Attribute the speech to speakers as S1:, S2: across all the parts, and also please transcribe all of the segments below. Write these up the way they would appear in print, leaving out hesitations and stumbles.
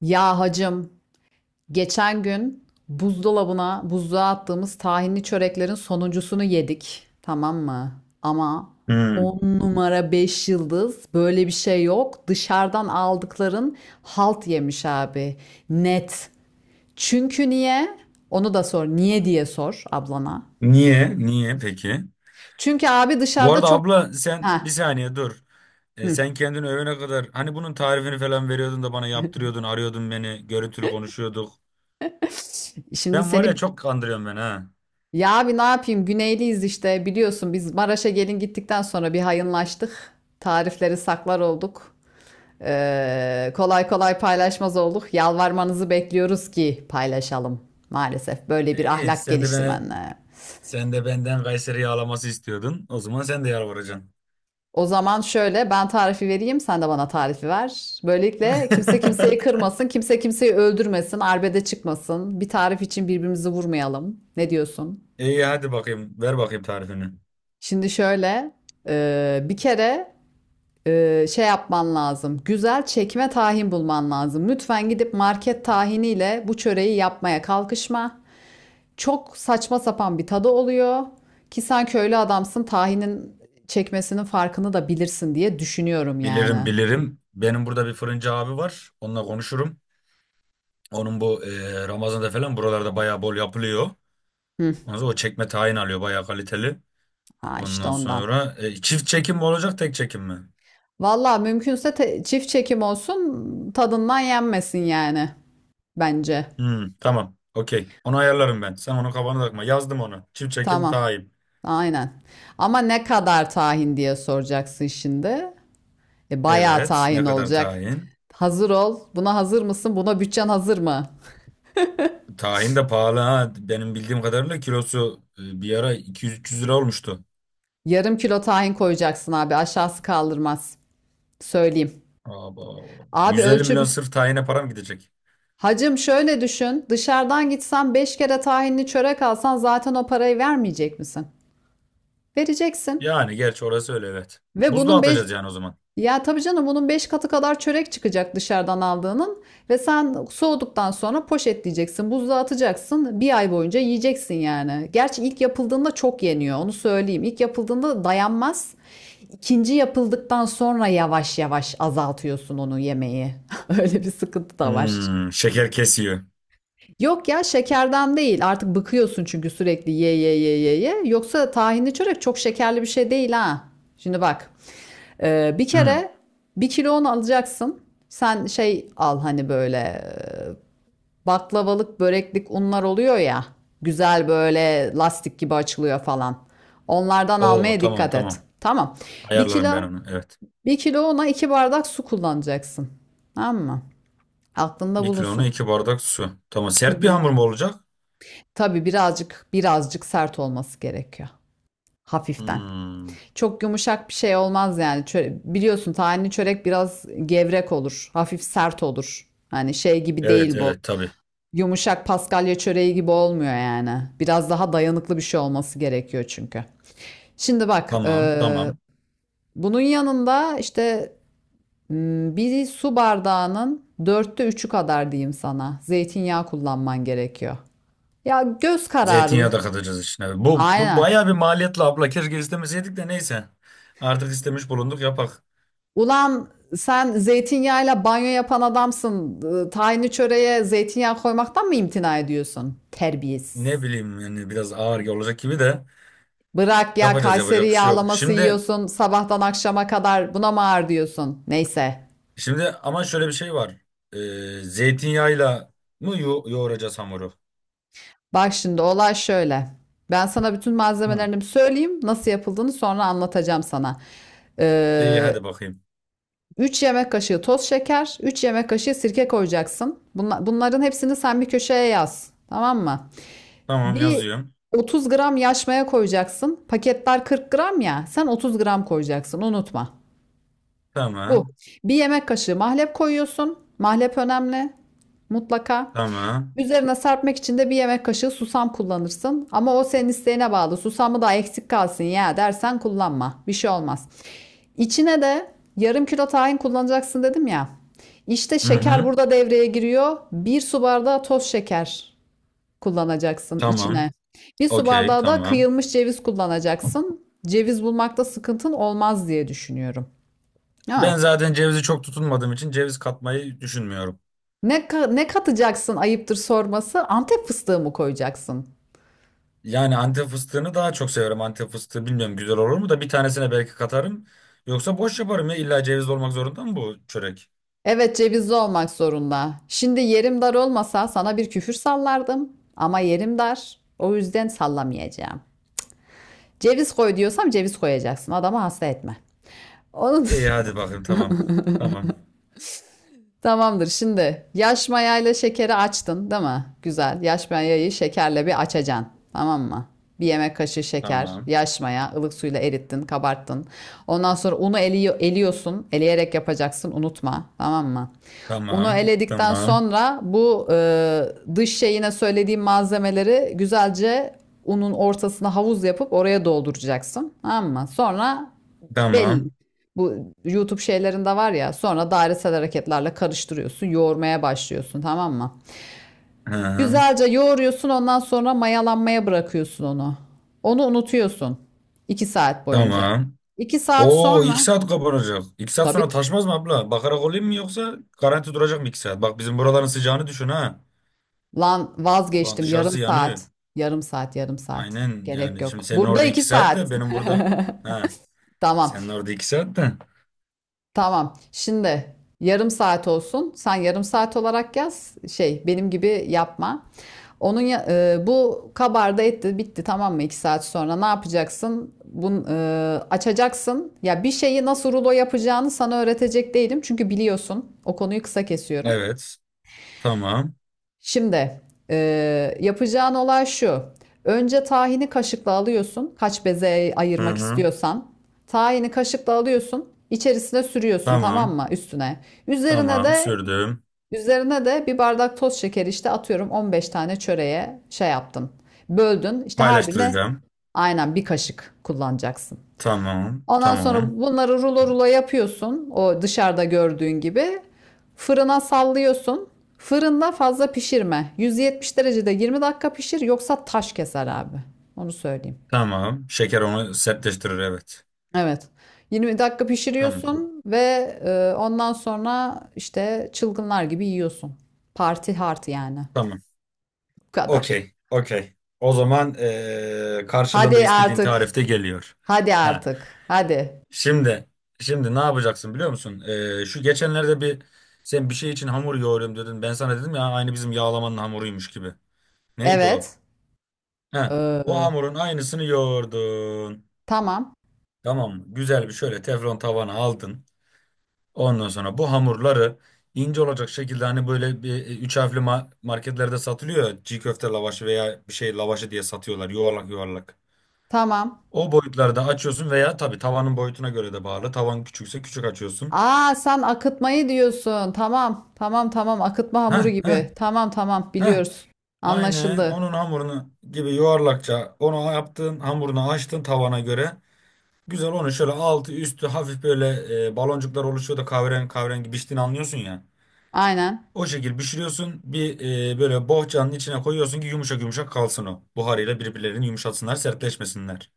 S1: Ya hacım, geçen gün buzdolabına, buzluğa attığımız tahinli çöreklerin sonuncusunu yedik. Tamam mı? Ama
S2: Hmm.
S1: 10 numara 5 yıldız böyle bir şey yok. Dışarıdan aldıkların halt yemiş abi. Net. Çünkü niye? Onu da sor. Niye diye sor ablana.
S2: Niye? Niye peki?
S1: Çünkü abi
S2: Bu
S1: dışarıda
S2: arada
S1: çok.
S2: abla sen bir
S1: Ha.
S2: saniye dur. E,
S1: Hı.
S2: sen kendini övene kadar hani bunun tarifini falan veriyordun da bana yaptırıyordun, arıyordun beni, görüntülü konuşuyorduk.
S1: Şimdi
S2: Sen var
S1: seni.
S2: ya çok kandırıyorsun beni ha.
S1: Ya abi ne yapayım? Güneyliyiz işte biliyorsun biz Maraş'a gelin gittikten sonra bir hayınlaştık. Tarifleri saklar olduk. Kolay kolay paylaşmaz olduk. Yalvarmanızı bekliyoruz ki paylaşalım. Maalesef böyle bir
S2: E, iyi
S1: ahlak gelişti bende.
S2: sen de benden Kayseri yağlaması istiyordun. O zaman sen de yalvaracaksın.
S1: O zaman şöyle ben tarifi vereyim sen de bana tarifi ver. Böylelikle kimse kimseyi kırmasın, kimse kimseyi öldürmesin, arbede çıkmasın. Bir tarif için birbirimizi vurmayalım. Ne diyorsun?
S2: İyi hadi bakayım ver bakayım tarifini.
S1: Şimdi şöyle bir kere şey yapman lazım. Güzel çekme tahin bulman lazım. Lütfen gidip market tahiniyle bu çöreği yapmaya kalkışma. Çok saçma sapan bir tadı oluyor ki sen köylü adamsın tahinin çekmesinin farkını da bilirsin diye düşünüyorum
S2: Bilirim
S1: yani.
S2: bilirim. Benim burada bir fırıncı abi var. Onunla konuşurum. Onun bu Ramazan'da falan buralarda bayağı bol yapılıyor.
S1: Hı,
S2: Ondan sonra o çekme tayin alıyor bayağı kaliteli.
S1: ha işte
S2: Ondan
S1: ondan.
S2: sonra çift çekim mi olacak tek çekim mi?
S1: Valla mümkünse çift çekim olsun tadından yenmesin yani bence.
S2: Hmm, tamam. Okey. Onu ayarlarım ben. Sen onu kafana takma. Yazdım onu. Çift çekim
S1: Tamam.
S2: tayin.
S1: Aynen. Ama ne kadar tahin diye soracaksın şimdi. Bayağı
S2: Evet. Ne
S1: tahin
S2: kadar
S1: olacak.
S2: tayin?
S1: Hazır ol. Buna hazır mısın? Buna bütçen hazır mı?
S2: Tahin de pahalı ha. Benim bildiğim kadarıyla kilosu bir ara 200-300 lira olmuştu.
S1: Yarım kilo tahin koyacaksın abi. Aşağısı kaldırmaz. Söyleyeyim.
S2: Abo.
S1: Abi
S2: 150 milyon
S1: ölçü.
S2: sırf tahine param gidecek.
S1: Hacım şöyle düşün. Dışarıdan gitsen 5 kere tahinli çörek alsan zaten o parayı vermeyecek misin? Vereceksin.
S2: Yani gerçi orası öyle, evet.
S1: Ve
S2: Buzluğa
S1: bunun beş.
S2: atacağız yani o zaman.
S1: Ya tabii canım bunun 5 katı kadar çörek çıkacak dışarıdan aldığının ve sen soğuduktan sonra poşetleyeceksin, buzluğa atacaksın. Bir ay boyunca yiyeceksin yani. Gerçi ilk yapıldığında çok yeniyor onu söyleyeyim. İlk yapıldığında dayanmaz. İkinci yapıldıktan sonra yavaş yavaş azaltıyorsun onu yemeği. Öyle bir sıkıntı da var.
S2: Hmm, şeker kesiyor.
S1: Yok ya şekerden değil. Artık bıkıyorsun çünkü sürekli ye ye ye ye ye. Yoksa tahinli çörek çok şekerli bir şey değil ha. Şimdi bak. Bir
S2: Hmm.
S1: kere bir kilo un alacaksın. Sen şey al hani böyle baklavalık, böreklik unlar oluyor ya. Güzel böyle lastik gibi açılıyor falan. Onlardan
S2: Oo,
S1: almaya
S2: tamam,
S1: dikkat et.
S2: tamam.
S1: Tamam. Bir
S2: Ayarlarım
S1: kilo,
S2: ben onu. Evet.
S1: bir kilo una 2 bardak su kullanacaksın. Tamam mı? Aklında
S2: Bir kilona
S1: bulunsun.
S2: 2 bardak su. Tamam.
S1: Hı
S2: Sert bir
S1: hı.
S2: hamur mu olacak?
S1: Tabii birazcık birazcık sert olması gerekiyor. Hafiften.
S2: Hmm.
S1: Çok yumuşak bir şey olmaz yani. Biliyorsun tahinli çörek biraz gevrek olur. Hafif sert olur. Hani şey gibi
S2: Evet,
S1: değil bu.
S2: evet, tabii.
S1: Yumuşak Paskalya çöreği gibi olmuyor yani. Biraz daha dayanıklı bir şey olması gerekiyor çünkü. Şimdi bak,
S2: Tamam, tamam.
S1: bunun yanında işte bir su bardağının dörtte üçü kadar diyeyim sana. Zeytinyağı kullanman gerekiyor. Ya göz kararı.
S2: Zeytinyağı da katacağız içine. Bu
S1: Aynen.
S2: bayağı bir maliyetli abla. Keşke istemeseydik de neyse. Artık istemiş bulunduk, yapak.
S1: Ulan sen zeytinyağıyla banyo yapan adamsın. Tahinli çöreğe zeytinyağı koymaktan mı imtina ediyorsun? Terbiyesiz.
S2: Ne bileyim yani biraz ağır olacak gibi de
S1: Bırak ya
S2: yapacağız,
S1: Kayseri
S2: yapacak bir şey yok.
S1: yağlaması
S2: Şimdi
S1: yiyorsun sabahtan akşama kadar buna mı ağır diyorsun? Neyse.
S2: şimdi ama şöyle bir şey var. Ee, zeytinyağıyla mı yoğuracağız hamuru?
S1: Bak şimdi olay şöyle. Ben sana bütün
S2: Hı.
S1: malzemelerini söyleyeyim. Nasıl yapıldığını sonra anlatacağım sana.
S2: İyi
S1: Ee,
S2: hadi bakayım.
S1: 3 yemek kaşığı toz şeker, 3 yemek kaşığı sirke koyacaksın. Bunların hepsini sen bir köşeye yaz. Tamam mı?
S2: Tamam,
S1: Bir
S2: yazıyorum.
S1: 30 gram yaş maya koyacaksın. Paketler 40 gram ya. Sen 30 gram koyacaksın. Unutma. Bu.
S2: Tamam.
S1: Bir yemek kaşığı mahlep koyuyorsun. Mahlep önemli. Mutlaka.
S2: Tamam.
S1: Üzerine serpmek için de bir yemek kaşığı susam kullanırsın. Ama o senin isteğine bağlı. Susamı da eksik kalsın ya dersen kullanma. Bir şey olmaz. İçine de yarım kilo tahin kullanacaksın dedim ya. İşte
S2: Hı
S1: şeker
S2: hı.
S1: burada devreye giriyor. Bir su bardağı toz şeker kullanacaksın içine.
S2: Tamam.
S1: Bir su
S2: Okey,
S1: bardağı da
S2: tamam.
S1: kıyılmış ceviz kullanacaksın. Ceviz bulmakta sıkıntın olmaz diye düşünüyorum.
S2: Ben
S1: Ha.
S2: zaten cevizi çok tutunmadığım için ceviz katmayı düşünmüyorum.
S1: Ne katacaksın ayıptır sorması? Antep fıstığı mı koyacaksın?
S2: Yani Antep fıstığını daha çok seviyorum, Antep fıstığı bilmiyorum güzel olur mu da bir tanesine belki katarım. Yoksa boş yaparım ya, illa ceviz olmak zorunda mı bu çörek?
S1: Evet cevizli olmak zorunda. Şimdi yerim dar olmasa sana bir küfür sallardım. Ama yerim dar. O yüzden sallamayacağım. Ceviz koy diyorsam ceviz koyacaksın. Adamı hasta etme. Onun.
S2: İyi hadi bakayım, tamam. Tamam.
S1: Tamamdır. Şimdi yaş mayayla şekeri açtın, değil mi? Güzel. Yaş mayayı şekerle bir açacaksın. Tamam mı? Bir yemek kaşığı şeker,
S2: Tamam.
S1: yaş maya, ılık suyla erittin, kabarttın. Ondan sonra unu eliyorsun. Eleyerek yapacaksın, unutma. Tamam mı? Unu
S2: Tamam.
S1: eledikten
S2: Tamam.
S1: sonra bu dış şeyine söylediğim malzemeleri güzelce unun ortasına havuz yapıp oraya dolduracaksın. Tamam mı? Sonra belli.
S2: Tamam.
S1: Bu YouTube şeylerinde var ya, sonra dairesel hareketlerle karıştırıyorsun, yoğurmaya başlıyorsun, tamam mı?
S2: Hı, hı.
S1: Güzelce yoğuruyorsun, ondan sonra mayalanmaya bırakıyorsun onu. Onu unutuyorsun 2 saat boyunca.
S2: Tamam.
S1: 2 saat
S2: Oo, iki
S1: sonra
S2: saat kapanacak. 2 saat
S1: tabii
S2: sonra taşmaz mı abla? Bakarak olayım mı yoksa garanti duracak mı 2 saat? Bak bizim buraların sıcağını düşün ha.
S1: lan
S2: Şu an
S1: vazgeçtim yarım
S2: dışarısı yanıyor.
S1: saat. Yarım saat, yarım saat.
S2: Aynen,
S1: Gerek
S2: yani şimdi
S1: yok.
S2: senin
S1: Burada
S2: orada
S1: 2
S2: 2 saat
S1: saat.
S2: de benim burada. Ha,
S1: Tamam.
S2: senin orada 2 saat de.
S1: Tamam. Şimdi yarım saat olsun. Sen yarım saat olarak yaz. Şey benim gibi yapma. Onun bu kabarda etti bitti tamam mı? 2 saat sonra ne yapacaksın? Bunu açacaksın. Ya bir şeyi nasıl rulo yapacağını sana öğretecek değilim. Çünkü biliyorsun. O konuyu kısa kesiyorum.
S2: Evet. Tamam.
S1: Şimdi yapacağın olay şu. Önce tahini kaşıkla alıyorsun. Kaç beze
S2: Hı
S1: ayırmak
S2: hı.
S1: istiyorsan. Tahini kaşıkla alıyorsun, içerisine sürüyorsun tamam
S2: Tamam.
S1: mı? Üstüne. Üzerine
S2: Tamam,
S1: de
S2: sürdüm.
S1: bir bardak toz şekeri işte atıyorum 15 tane çöreğe şey yaptın. Böldün. İşte her birine
S2: Paylaştıracağım.
S1: aynen bir kaşık kullanacaksın.
S2: Tamam.
S1: Ondan
S2: Tamam.
S1: sonra bunları rulo rulo yapıyorsun. O dışarıda gördüğün gibi. Fırına sallıyorsun. Fırında fazla pişirme. 170 derecede 20 dakika pişir yoksa taş keser abi. Onu söyleyeyim.
S2: Tamam, şeker onu sertleştirir, evet.
S1: Evet. 20 dakika
S2: Tamam.
S1: pişiriyorsun ve ondan sonra işte çılgınlar gibi yiyorsun. Parti hard yani.
S2: Tamam.
S1: Bu kadar.
S2: Okey. Okey, o zaman karşılığında
S1: Hadi
S2: istediğin
S1: artık.
S2: tarifte geliyor.
S1: Hadi
S2: Ha.
S1: artık. Hadi.
S2: Şimdi şimdi ne yapacaksın biliyor musun? Şu geçenlerde bir sen bir şey için hamur yoğuruyorum dedin. Ben sana dedim ya, aynı bizim yağlamanın hamuruymuş gibi. Neydi o?
S1: Evet.
S2: He, o
S1: Ee,
S2: hamurun aynısını yoğurdun.
S1: tamam.
S2: Tamam mı? Güzel bir şöyle teflon tavana aldın. Ondan sonra bu hamurları ince olacak şekilde, hani böyle bir üç harfli marketlerde satılıyor ya, çiğ köfte lavaşı veya bir şey lavaşı diye satıyorlar yuvarlak yuvarlak.
S1: Tamam.
S2: O boyutlarda açıyorsun veya tabii tavanın boyutuna göre de bağlı. Tavan küçükse küçük açıyorsun.
S1: Aa sen akıtmayı diyorsun. Tamam. Tamam tamam. Akıtma
S2: Heh,
S1: hamuru
S2: heh,
S1: gibi. Tamam tamam
S2: heh.
S1: biliyoruz.
S2: Aynen
S1: Anlaşıldı.
S2: onun hamurunu gibi yuvarlakça onu yaptın, hamurunu açtın tavana göre. Güzel onu şöyle altı üstü hafif böyle baloncuklar oluşuyor da kahverengi kahverengi piştiğini anlıyorsun ya.
S1: Aynen.
S2: O şekil pişiriyorsun bir böyle bohçanın içine koyuyorsun ki yumuşak yumuşak kalsın o. Buharıyla birbirlerini yumuşatsınlar, sertleşmesinler.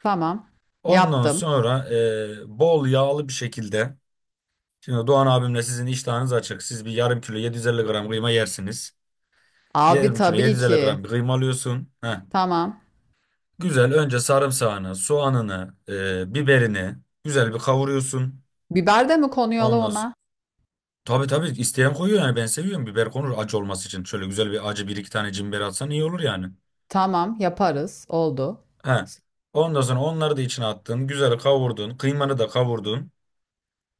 S1: Tamam.
S2: Ondan
S1: Yaptım.
S2: sonra bol yağlı bir şekilde. Şimdi Doğan abimle sizin iştahınız açık. Siz bir yarım kilo 750 gram kıyma yersiniz.
S1: Abi
S2: Yarım kilo
S1: tabii
S2: 750
S1: ki.
S2: gram bir kıyma alıyorsun. Heh.
S1: Tamam.
S2: Güzel önce sarımsağını, soğanını, biberini güzel bir kavuruyorsun.
S1: Biber de mi konuyor la
S2: Ondan sonra,
S1: ona?
S2: tabii tabii isteyen koyuyor yani, ben seviyorum biber konur acı olması için. Şöyle güzel bir acı, bir iki tane cimber atsan iyi olur yani.
S1: Tamam yaparız. Oldu.
S2: He. Ondan sonra onları da içine attın, güzel kavurdun, kıymanı da kavurdun.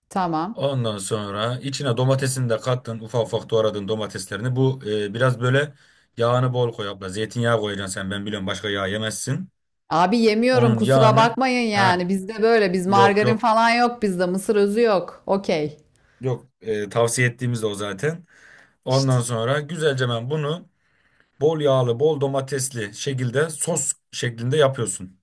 S1: Tamam.
S2: Ondan sonra içine domatesini de kattın, ufak ufak doğradın domateslerini. Bu biraz böyle yağını bol koy abla. Zeytinyağı koyacaksın sen, ben biliyorum başka yağ yemezsin.
S1: Abi yemiyorum
S2: Onun
S1: kusura
S2: yağını.
S1: bakmayın
S2: He.
S1: yani. Bizde böyle biz
S2: Yok,
S1: margarin
S2: yok.
S1: falan yok bizde. Mısır özü yok. Okey.
S2: Yok, tavsiye ettiğimiz de o zaten.
S1: İşte.
S2: Ondan sonra güzelce, ben bunu bol yağlı, bol domatesli şekilde sos şeklinde yapıyorsun.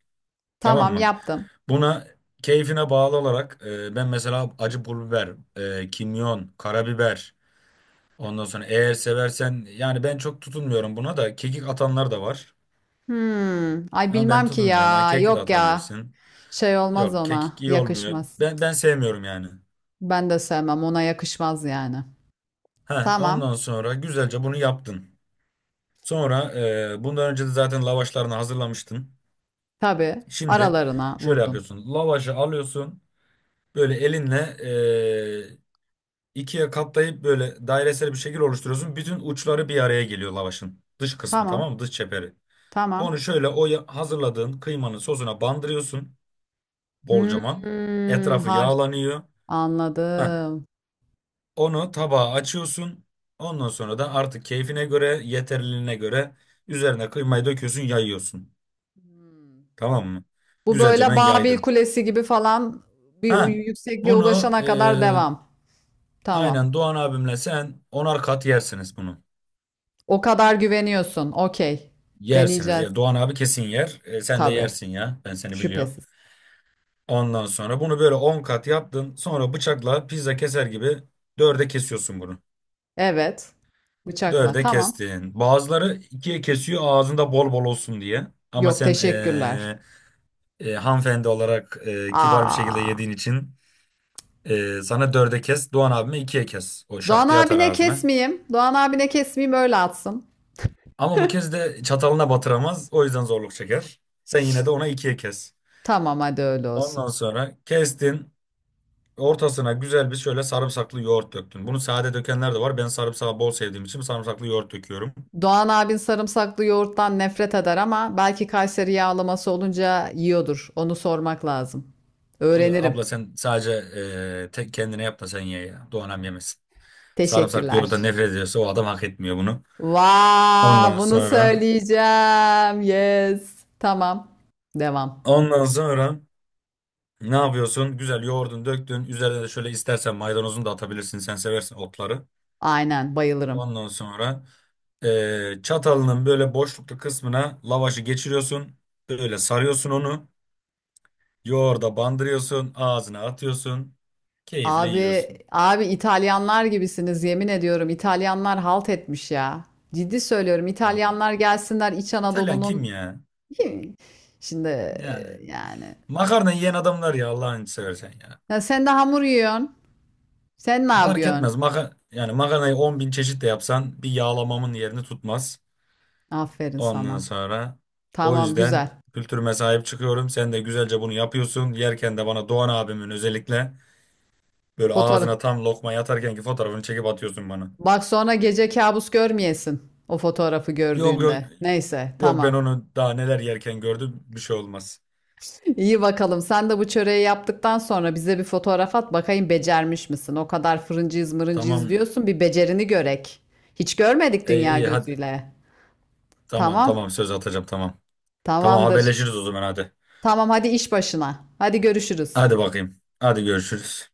S2: Tamam
S1: Tamam
S2: mı?
S1: yaptım.
S2: Buna keyfine bağlı olarak ben mesela acı pul biber, kimyon, karabiber. Ondan sonra eğer seversen yani, ben çok tutunmuyorum, buna da kekik atanlar da var.
S1: Hmm. Ay
S2: Ama ben
S1: bilmem ki
S2: tutunmuyorum. Hani
S1: ya.
S2: kekik de
S1: Yok ya.
S2: atabilirsin.
S1: Şey olmaz
S2: Yok, kekik
S1: ona.
S2: iyi olmuyor.
S1: Yakışmaz.
S2: Ben sevmiyorum yani.
S1: Ben de sevmem. Ona yakışmaz yani.
S2: Ha,
S1: Tamam.
S2: ondan sonra güzelce bunu yaptın. Sonra bundan önce de zaten lavaşlarını hazırlamıştın.
S1: Tabii.
S2: Şimdi
S1: Aralarına
S2: şöyle
S1: vurdun.
S2: yapıyorsun. Lavaşı alıyorsun. Böyle elinle e, ikiye katlayıp böyle dairesel bir şekil oluşturuyorsun. Bütün uçları bir araya geliyor lavaşın. Dış kısmı,
S1: Tamam.
S2: tamam mı? Dış çeperi. Onu
S1: Tamam.
S2: şöyle hazırladığın kıymanın sosuna bandırıyorsun. Bolcaman.
S1: Hmm,
S2: Etrafı yağlanıyor. Heh.
S1: anladım.
S2: Onu tabağa açıyorsun. Ondan sonra da artık keyfine göre, yeterliliğine göre üzerine kıymayı döküyorsun, yayıyorsun.
S1: Hmm.
S2: Tamam mı?
S1: Bu
S2: Güzelce
S1: böyle
S2: ben
S1: Babil
S2: yaydın.
S1: Kulesi gibi falan bir
S2: Ha,
S1: yüksekliğe
S2: bunu
S1: ulaşana kadar devam. Tamam.
S2: aynen Doğan abimle sen onar kat yersiniz bunu.
S1: O kadar güveniyorsun. Okey.
S2: Yersiniz
S1: Deneyeceğiz.
S2: ya. Doğan abi kesin yer. Sen de
S1: Tabii.
S2: yersin ya. Ben seni biliyorum.
S1: Şüphesiz.
S2: Ondan sonra bunu böyle 10 kat yaptın. Sonra bıçakla pizza keser gibi dörde kesiyorsun bunu.
S1: Evet. Bıçakla.
S2: Dörde
S1: Tamam.
S2: kestin. Bazıları ikiye kesiyor ağzında bol bol olsun diye. Ama
S1: Yok
S2: sen
S1: teşekkürler.
S2: hanımefendi olarak kibar bir şekilde
S1: Aa.
S2: yediğin için sana dörde kes. Doğan abime ikiye kes. O şak
S1: Doğan
S2: diye atar
S1: abine
S2: ağzına.
S1: kesmeyeyim. Doğan abine kesmeyeyim öyle atsın.
S2: Ama bu kez de çatalına batıramaz. O yüzden zorluk çeker. Sen yine de ona ikiye kes.
S1: Tamam hadi öyle olsun.
S2: Ondan sonra kestin. Ortasına güzel bir şöyle sarımsaklı yoğurt döktün. Bunu sade dökenler de var. Ben sarımsağı bol sevdiğim için sarımsaklı yoğurt döküyorum.
S1: Doğan abin sarımsaklı yoğurttan nefret eder ama belki Kayseri yağlaması olunca yiyordur. Onu sormak lazım.
S2: O da, abla
S1: Öğrenirim.
S2: sen sadece tek kendine yap da sen ye ya. Doğanem yemesin. Sarımsaklı
S1: Teşekkürler.
S2: yoğurttan nefret ediyorsa o adam hak etmiyor bunu.
S1: Vaa,
S2: Ondan
S1: bunu
S2: sonra
S1: söyleyeceğim. Yes. Tamam. Devam.
S2: ondan sonra ne yapıyorsun? Güzel yoğurdun döktün. Üzerine de şöyle istersen maydanozunu da atabilirsin. Sen seversin otları.
S1: Aynen bayılırım.
S2: Ondan sonra çatalının böyle boşluklu kısmına lavaşı geçiriyorsun. Böyle sarıyorsun onu. Yoğurda bandırıyorsun. Ağzına atıyorsun. Keyifle
S1: Abi
S2: yiyorsun.
S1: abi İtalyanlar gibisiniz yemin ediyorum. İtalyanlar halt etmiş ya. Ciddi söylüyorum.
S2: Abi,
S1: İtalyanlar gelsinler İç
S2: İtalyan kim
S1: Anadolu'nun.
S2: ya?
S1: Kim? Şimdi
S2: Yani
S1: yani.
S2: makarna yiyen adamlar ya, Allah'ını seversen ya.
S1: Ya sen de hamur yiyorsun. Sen ne
S2: Fark
S1: yapıyorsun?
S2: etmez. Yani makarnayı 10 bin çeşit de yapsan bir yağlamamın yerini tutmaz.
S1: Aferin
S2: Ondan
S1: sana.
S2: sonra o
S1: Tamam
S2: yüzden
S1: güzel.
S2: kültürüme sahip çıkıyorum. Sen de güzelce bunu yapıyorsun. Yerken de bana Doğan abimin özellikle böyle
S1: Fotoğraf.
S2: ağzına tam lokma yatarkenki fotoğrafını çekip atıyorsun bana.
S1: Bak sonra gece kabus görmeyesin. O fotoğrafı
S2: Yok, yok,
S1: gördüğünde. Neyse
S2: yok, ben
S1: tamam.
S2: onu daha neler yerken gördüm, bir şey olmaz.
S1: İyi bakalım. Sen de bu çöreği yaptıktan sonra bize bir fotoğraf at. Bakayım becermiş misin? O kadar fırıncıyız mırıncıyız
S2: Tamam.
S1: diyorsun. Bir becerini görek. Hiç görmedik
S2: e,
S1: dünya
S2: iyi hadi,
S1: gözüyle.
S2: tamam,
S1: Tamam.
S2: tamam, söz, atacağım, tamam. Tamam,
S1: Tamamdır.
S2: haberleşiriz o zaman, hadi.
S1: Tamam hadi iş başına. Hadi görüşürüz.
S2: Hadi bakayım. Hadi görüşürüz.